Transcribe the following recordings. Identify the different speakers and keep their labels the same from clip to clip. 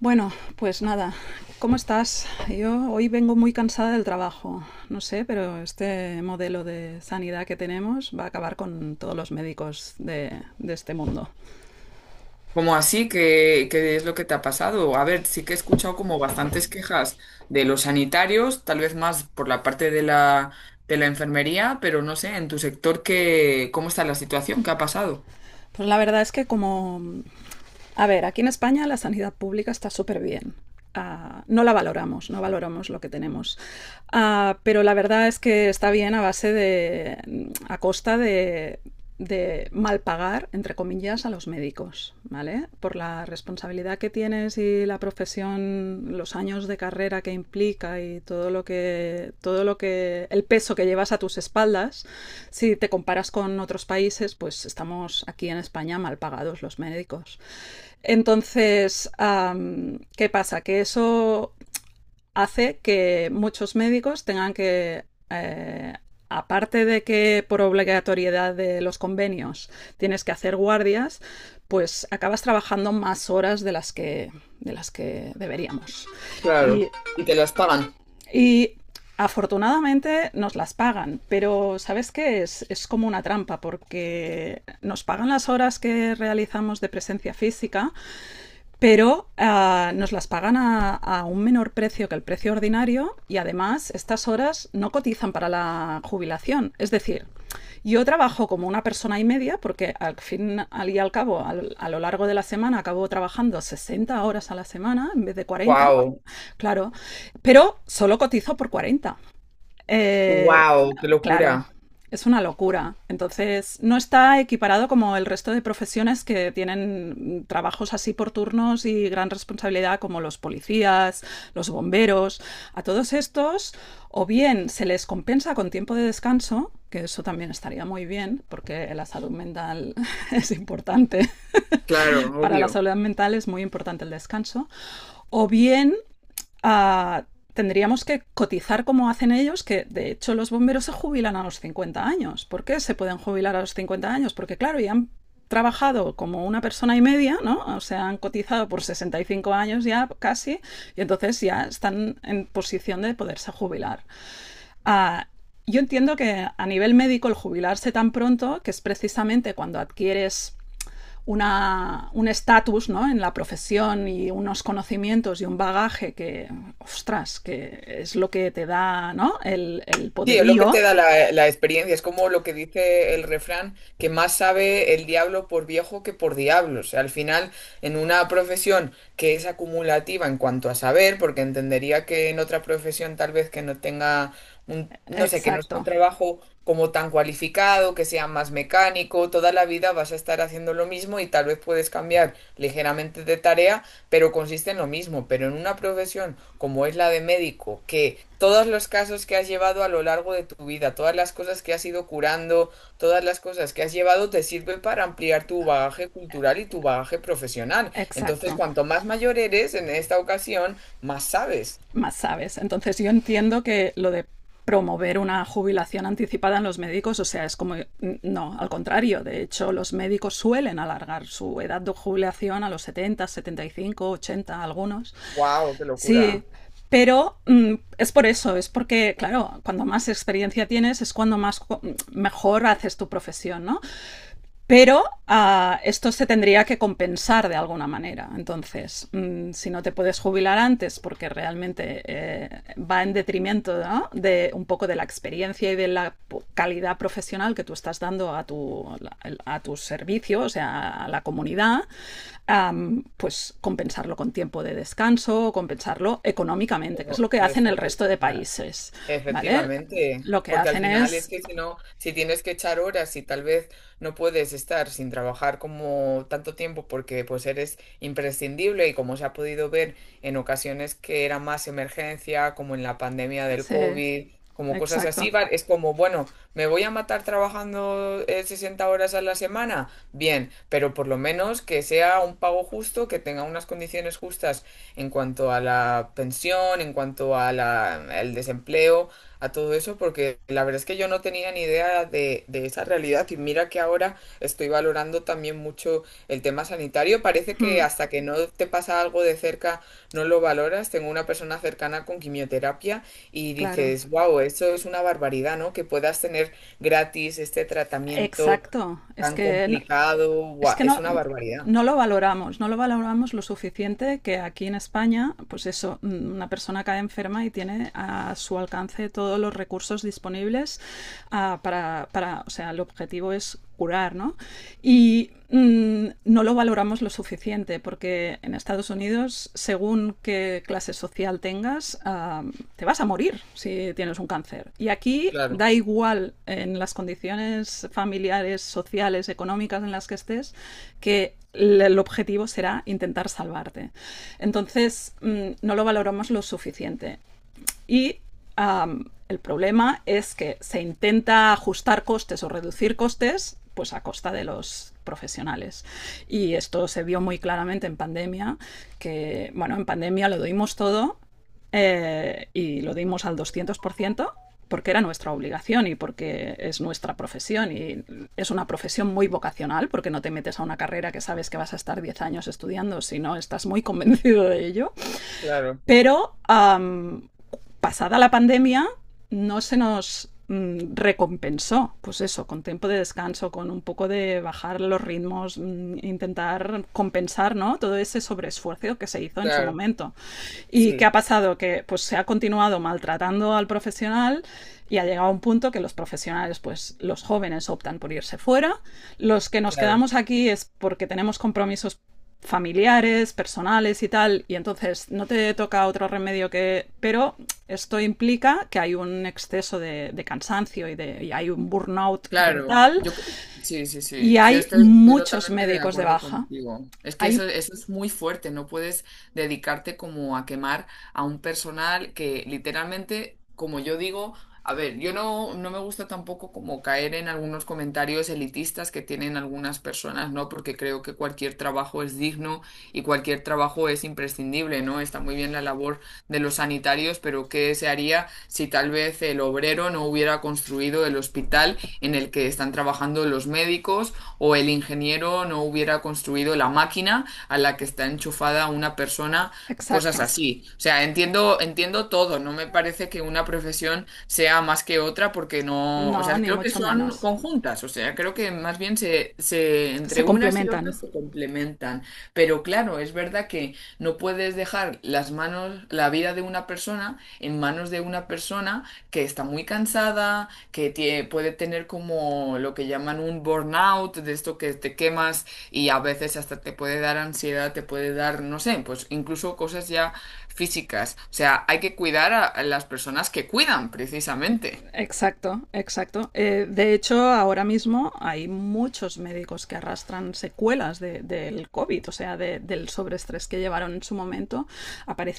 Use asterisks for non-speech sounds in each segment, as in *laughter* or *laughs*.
Speaker 1: Bueno, pues nada, ¿cómo estás? Yo hoy vengo muy cansada del trabajo. No sé, pero este modelo de sanidad que tenemos va a acabar con todos los médicos de este mundo.
Speaker 2: ¿Cómo así? ¿Qué es lo que te ha pasado? A ver, sí que he escuchado como bastantes quejas de los sanitarios, tal vez más por la parte de la enfermería, pero no sé, en tu sector, ¿ cómo está la situación? ¿Qué ha pasado?
Speaker 1: Pues la verdad es que como. A ver, aquí en España la sanidad pública está súper bien. Ah, no la valoramos, no valoramos lo que tenemos. Ah, pero la verdad es que está bien a costa de mal pagar, entre comillas, a los médicos, ¿vale? Por la responsabilidad que tienes y la profesión, los años de carrera que implica y el peso que llevas a tus espaldas, si te comparas con otros países, pues estamos aquí en España mal pagados los médicos. Entonces, ¿qué pasa? Que eso hace que muchos médicos tengan que aparte de que por obligatoriedad de los convenios tienes que hacer guardias, pues acabas trabajando más horas de las que deberíamos. Y
Speaker 2: Claro. ¿Y te las pagan?
Speaker 1: y afortunadamente nos las pagan, pero ¿sabes qué? Es como una trampa porque nos pagan las horas que realizamos de presencia física, pero nos las pagan un menor precio que el precio ordinario y además estas horas no cotizan para la jubilación. Es decir, yo trabajo como una persona y media porque al fin al y al cabo, a lo largo de la semana, acabo trabajando 60 horas a la semana en vez de 40,
Speaker 2: Wow,
Speaker 1: claro, pero solo cotizo por 40. Eh,
Speaker 2: wow, qué
Speaker 1: claro,
Speaker 2: locura.
Speaker 1: es una locura. Entonces, no está equiparado como el resto de profesiones que tienen trabajos así por turnos y gran responsabilidad, como los policías, los bomberos. A todos estos, o bien se les compensa con tiempo de descanso, que eso también estaría muy bien, porque la salud mental *laughs* es importante.
Speaker 2: Claro,
Speaker 1: Para la
Speaker 2: obvio.
Speaker 1: salud mental es muy importante el descanso. O bien uh, tendríamos que cotizar como hacen ellos, que de hecho los bomberos se jubilan a los 50 años. ¿Por qué se pueden jubilar a los 50 años? Porque claro, ya han trabajado como una persona y media, ¿no? O sea, han cotizado por 65 años ya casi, y entonces ya están en posición de poderse jubilar. Uh, yo entiendo que a nivel médico el jubilarse tan pronto, que es precisamente cuando adquieres un estatus, ¿no?, en la profesión y unos conocimientos y un bagaje que, ostras, que es lo que te da, ¿no?, el
Speaker 2: Sí, es lo que te
Speaker 1: poderío.
Speaker 2: da la experiencia, es como lo que dice el refrán, que más sabe el diablo por viejo que por diablo. O sea, al final, en una profesión que es acumulativa en cuanto a saber, porque entendería que en otra profesión tal vez que no tenga no sé, que no sea un
Speaker 1: Exacto,
Speaker 2: trabajo como tan cualificado, que sea más mecánico, toda la vida vas a estar haciendo lo mismo y tal vez puedes cambiar ligeramente de tarea, pero consiste en lo mismo. Pero en una profesión como es la de médico, que todos los casos que has llevado a lo largo de tu vida, todas las cosas que has ido curando, todas las cosas que has llevado, te sirve para ampliar tu bagaje cultural y tu bagaje profesional. Entonces,
Speaker 1: exacto.
Speaker 2: cuanto más mayor eres en esta ocasión, más sabes.
Speaker 1: Más sabes. Entonces yo entiendo que lo de promover una jubilación anticipada en los médicos, o sea, es como, no, al contrario, de hecho los médicos suelen alargar su edad de jubilación a los 70, 75, 80 algunos.
Speaker 2: ¡Wow! ¡Qué
Speaker 1: Sí,
Speaker 2: locura!
Speaker 1: pero es por eso, es porque, claro, cuando más experiencia tienes es cuando mejor haces tu profesión, ¿no? Pero esto se tendría que compensar de alguna manera. Entonces, si no te puedes jubilar antes porque realmente va en detrimento, ¿no?, de un poco de la experiencia y de la calidad profesional que tú estás dando a tu servicio, o sea, a la comunidad, pues compensarlo con tiempo de descanso, compensarlo económicamente, que es
Speaker 2: No,
Speaker 1: lo que hacen el
Speaker 2: efecti-
Speaker 1: resto de
Speaker 2: ya,
Speaker 1: países. ¿Vale?
Speaker 2: efectivamente,
Speaker 1: Lo que
Speaker 2: porque al
Speaker 1: hacen
Speaker 2: final es
Speaker 1: es.
Speaker 2: que si no, si tienes que echar horas y tal vez no puedes estar sin trabajar como tanto tiempo porque pues eres imprescindible y como se ha podido ver en ocasiones que era más emergencia, como en la pandemia del
Speaker 1: Sí,
Speaker 2: COVID, como cosas
Speaker 1: exacto.
Speaker 2: así, es como, bueno, me voy a matar trabajando 60 horas a la semana, bien, pero por lo menos que sea un pago justo, que tenga unas condiciones justas en cuanto a la pensión, en cuanto a al desempleo, a todo eso, porque la verdad es que yo no tenía ni idea de esa realidad y mira que ahora estoy valorando también mucho el tema sanitario. Parece que
Speaker 1: Mm,
Speaker 2: hasta que no te pasa algo de cerca no lo valoras. Tengo una persona cercana con quimioterapia y
Speaker 1: claro.
Speaker 2: dices, wow, eso es una barbaridad, ¿no? Que puedas tener gratis este tratamiento
Speaker 1: Exacto. Es
Speaker 2: tan
Speaker 1: que,
Speaker 2: complicado,
Speaker 1: es
Speaker 2: guau,
Speaker 1: que
Speaker 2: es
Speaker 1: no,
Speaker 2: una barbaridad.
Speaker 1: no lo valoramos, no lo valoramos lo suficiente que aquí en España, pues eso, una persona cae enferma y tiene a su alcance todos los recursos disponibles, para, o sea, el objetivo es curar, ¿no? Y no lo valoramos lo suficiente porque en Estados Unidos, años, según qué clase social tengas, te vas a morir si tienes un cáncer. Y aquí
Speaker 2: Claro,
Speaker 1: da igual en las condiciones familiares, sociales, económicas en las que estés, que el objetivo será intentar salvarte. Entonces, no lo valoramos lo suficiente. Y el problema es que se intenta ajustar costes o reducir costes pues a costa de los profesionales. Y esto se vio muy claramente en pandemia, que bueno, en pandemia lo dimos todo, y lo dimos al 200%, porque era nuestra obligación y porque es nuestra profesión y es una profesión muy vocacional porque no te metes a una carrera que sabes que vas a estar 10 años estudiando, sino estás muy convencido de ello.
Speaker 2: claro,
Speaker 1: Pero pasada la pandemia no se nos recompensó, pues eso, con tiempo de descanso, con un poco de bajar los ritmos, intentar compensar, ¿no? Todo ese sobreesfuerzo que se hizo en su
Speaker 2: claro,
Speaker 1: momento. ¿Y qué
Speaker 2: sí.
Speaker 1: ha pasado? Que pues se ha continuado maltratando al profesional y ha llegado a un punto que los profesionales, pues los jóvenes optan por irse fuera, los que nos
Speaker 2: Claro.
Speaker 1: quedamos aquí es porque tenemos compromisos familiares, personales y tal, y entonces no te toca otro remedio que. Pero esto implica que hay un exceso de cansancio y hay un burnout
Speaker 2: Claro,
Speaker 1: brutal
Speaker 2: sí, sí,
Speaker 1: y
Speaker 2: sí. Yo
Speaker 1: hay
Speaker 2: estoy
Speaker 1: muchos
Speaker 2: totalmente de
Speaker 1: médicos de
Speaker 2: acuerdo
Speaker 1: baja.
Speaker 2: contigo. Es que
Speaker 1: Hay.
Speaker 2: eso es muy fuerte, no puedes dedicarte como a quemar a un personal que literalmente, como yo digo, a ver, yo no, no me gusta tampoco como caer en algunos comentarios elitistas que tienen algunas personas, ¿no? Porque creo que cualquier trabajo es digno y cualquier trabajo es imprescindible, ¿no? Está muy bien la labor de los sanitarios, pero ¿qué se haría si tal vez el obrero no hubiera construido el hospital en el que están trabajando los médicos o el ingeniero no hubiera construido la máquina a la que está enchufada una persona, cosas
Speaker 1: Exacto.
Speaker 2: así? O sea, entiendo todo, no me parece que una profesión sea más que otra porque no, o
Speaker 1: No,
Speaker 2: sea,
Speaker 1: ni
Speaker 2: creo que
Speaker 1: mucho
Speaker 2: son
Speaker 1: menos.
Speaker 2: conjuntas, o sea, creo que más bien se entre
Speaker 1: Se
Speaker 2: unas y
Speaker 1: complementan.
Speaker 2: otras se complementan. Pero claro, es verdad que no puedes dejar las manos, la vida de una persona en manos de una persona que está muy cansada, que puede tener como lo que llaman un burnout, de esto que te quemas y a veces hasta te puede dar ansiedad, te puede dar, no sé, pues incluso cosas ya físicas. O sea, hay que cuidar a las personas que cuidan, precisamente.
Speaker 1: Exacto, exacto. De hecho, ahora mismo hay muchos médicos que arrastran secuelas del COVID, o sea, del sobreestrés que llevaron en su momento.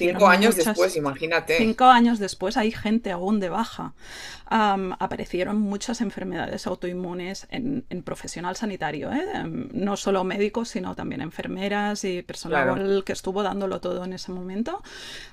Speaker 2: Cinco años
Speaker 1: muchas.
Speaker 2: después, imagínate.
Speaker 1: 5 años después hay gente aún de baja. Aparecieron muchas enfermedades autoinmunes en, en profesional sanitario, ¿eh? No solo médicos, sino también enfermeras y
Speaker 2: Claro,
Speaker 1: personal que estuvo dándolo todo en ese momento,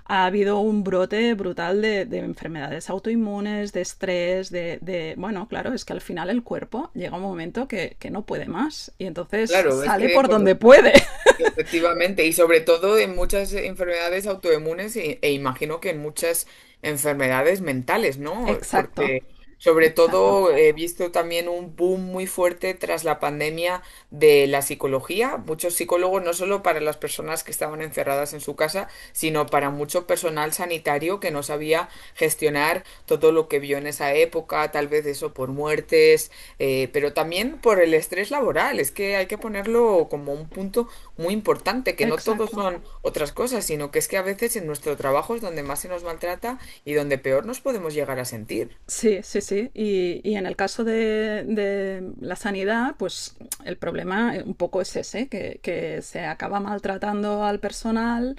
Speaker 1: ha habido un brote brutal de enfermedades autoinmunes, de estrés. Bueno, claro, es que al final el cuerpo llega un momento que no puede más y entonces
Speaker 2: claro, es
Speaker 1: sale
Speaker 2: que
Speaker 1: por donde
Speaker 2: por,
Speaker 1: puede.
Speaker 2: efectivamente, y sobre todo en muchas enfermedades autoinmunes e imagino que en muchas enfermedades mentales, ¿no?
Speaker 1: Exacto,
Speaker 2: Porque sobre
Speaker 1: exacto,
Speaker 2: todo he visto también un boom muy fuerte tras la pandemia de la psicología, muchos psicólogos no solo para las personas que estaban encerradas en su casa, sino para mucho personal sanitario que no sabía gestionar todo lo que vio en esa época, tal vez eso por muertes, pero también por el estrés laboral. Es que hay que ponerlo como un punto muy importante, que no todos
Speaker 1: exacto.
Speaker 2: son otras cosas, sino que es que a veces en nuestro trabajo es donde más se nos maltrata y donde peor nos podemos llegar a sentir.
Speaker 1: Sí, sí, sí. Y en el caso de la sanidad, pues el problema, un poco es ese, que se acaba maltratando al personal.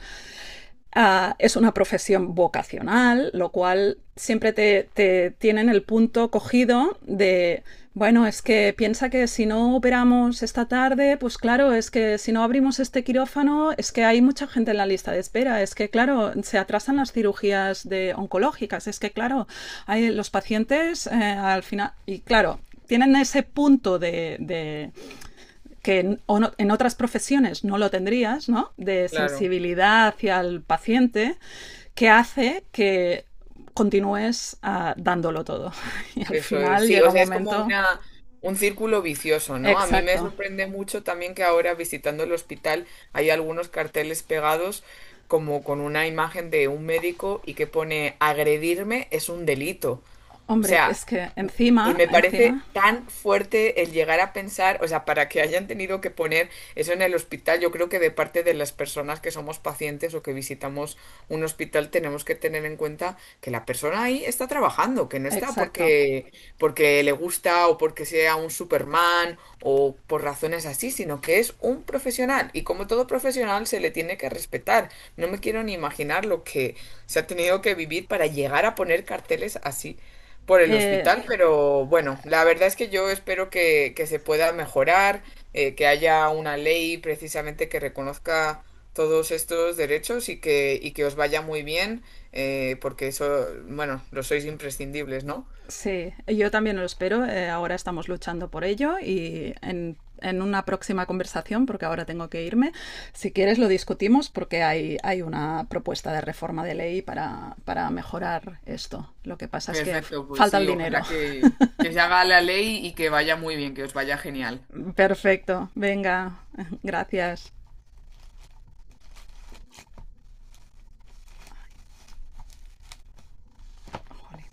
Speaker 1: Es una profesión vocacional, lo cual siempre tienen el punto cogido de, bueno, es que piensa que si no operamos esta tarde, pues claro, es que si no abrimos este quirófano, es que hay mucha gente en la lista de espera, es que claro, se atrasan las cirugías de oncológicas, es que claro, hay los pacientes, al final, y claro, tienen ese punto de que en, o no, en otras profesiones no lo tendrías, ¿no? De
Speaker 2: Claro.
Speaker 1: sensibilidad hacia el paciente, que hace que continúes dándolo todo. *laughs* Y al
Speaker 2: Eso es,
Speaker 1: final
Speaker 2: sí,
Speaker 1: llega
Speaker 2: o
Speaker 1: un
Speaker 2: sea, es como
Speaker 1: momento.
Speaker 2: un círculo vicioso, ¿no? A mí me
Speaker 1: Exacto.
Speaker 2: sorprende mucho también que ahora visitando el hospital hay algunos carteles pegados como con una imagen de un médico y que pone agredirme es un delito. O
Speaker 1: Hombre,
Speaker 2: sea,
Speaker 1: es que
Speaker 2: y
Speaker 1: encima,
Speaker 2: me parece
Speaker 1: encima,
Speaker 2: tan fuerte el llegar a pensar, o sea, para que hayan tenido que poner eso en el hospital, yo creo que de parte de las personas que somos pacientes o que visitamos un hospital tenemos que tener en cuenta que la persona ahí está trabajando, que no está
Speaker 1: exacto.
Speaker 2: porque, porque le gusta o porque sea un Superman o por razones así, sino que es un profesional y como todo profesional se le tiene que respetar. No me quiero ni imaginar lo que se ha tenido que vivir para llegar a poner carteles así por el
Speaker 1: Eh,
Speaker 2: hospital, pero bueno, la verdad es que yo espero que se pueda mejorar, que haya una ley precisamente que reconozca todos estos derechos y que os vaya muy bien, porque eso, bueno, lo sois imprescindibles, ¿no?
Speaker 1: sí, yo también lo espero. Ahora estamos luchando por ello en una próxima conversación, porque ahora tengo que irme, si quieres lo discutimos porque hay una propuesta de reforma de ley para mejorar esto. Lo que pasa es que
Speaker 2: Perfecto, pues
Speaker 1: falta el
Speaker 2: sí,
Speaker 1: dinero.
Speaker 2: ojalá que se haga la ley y que vaya muy bien, que os vaya genial.
Speaker 1: *laughs* Perfecto, venga, *laughs* gracias. Jolín.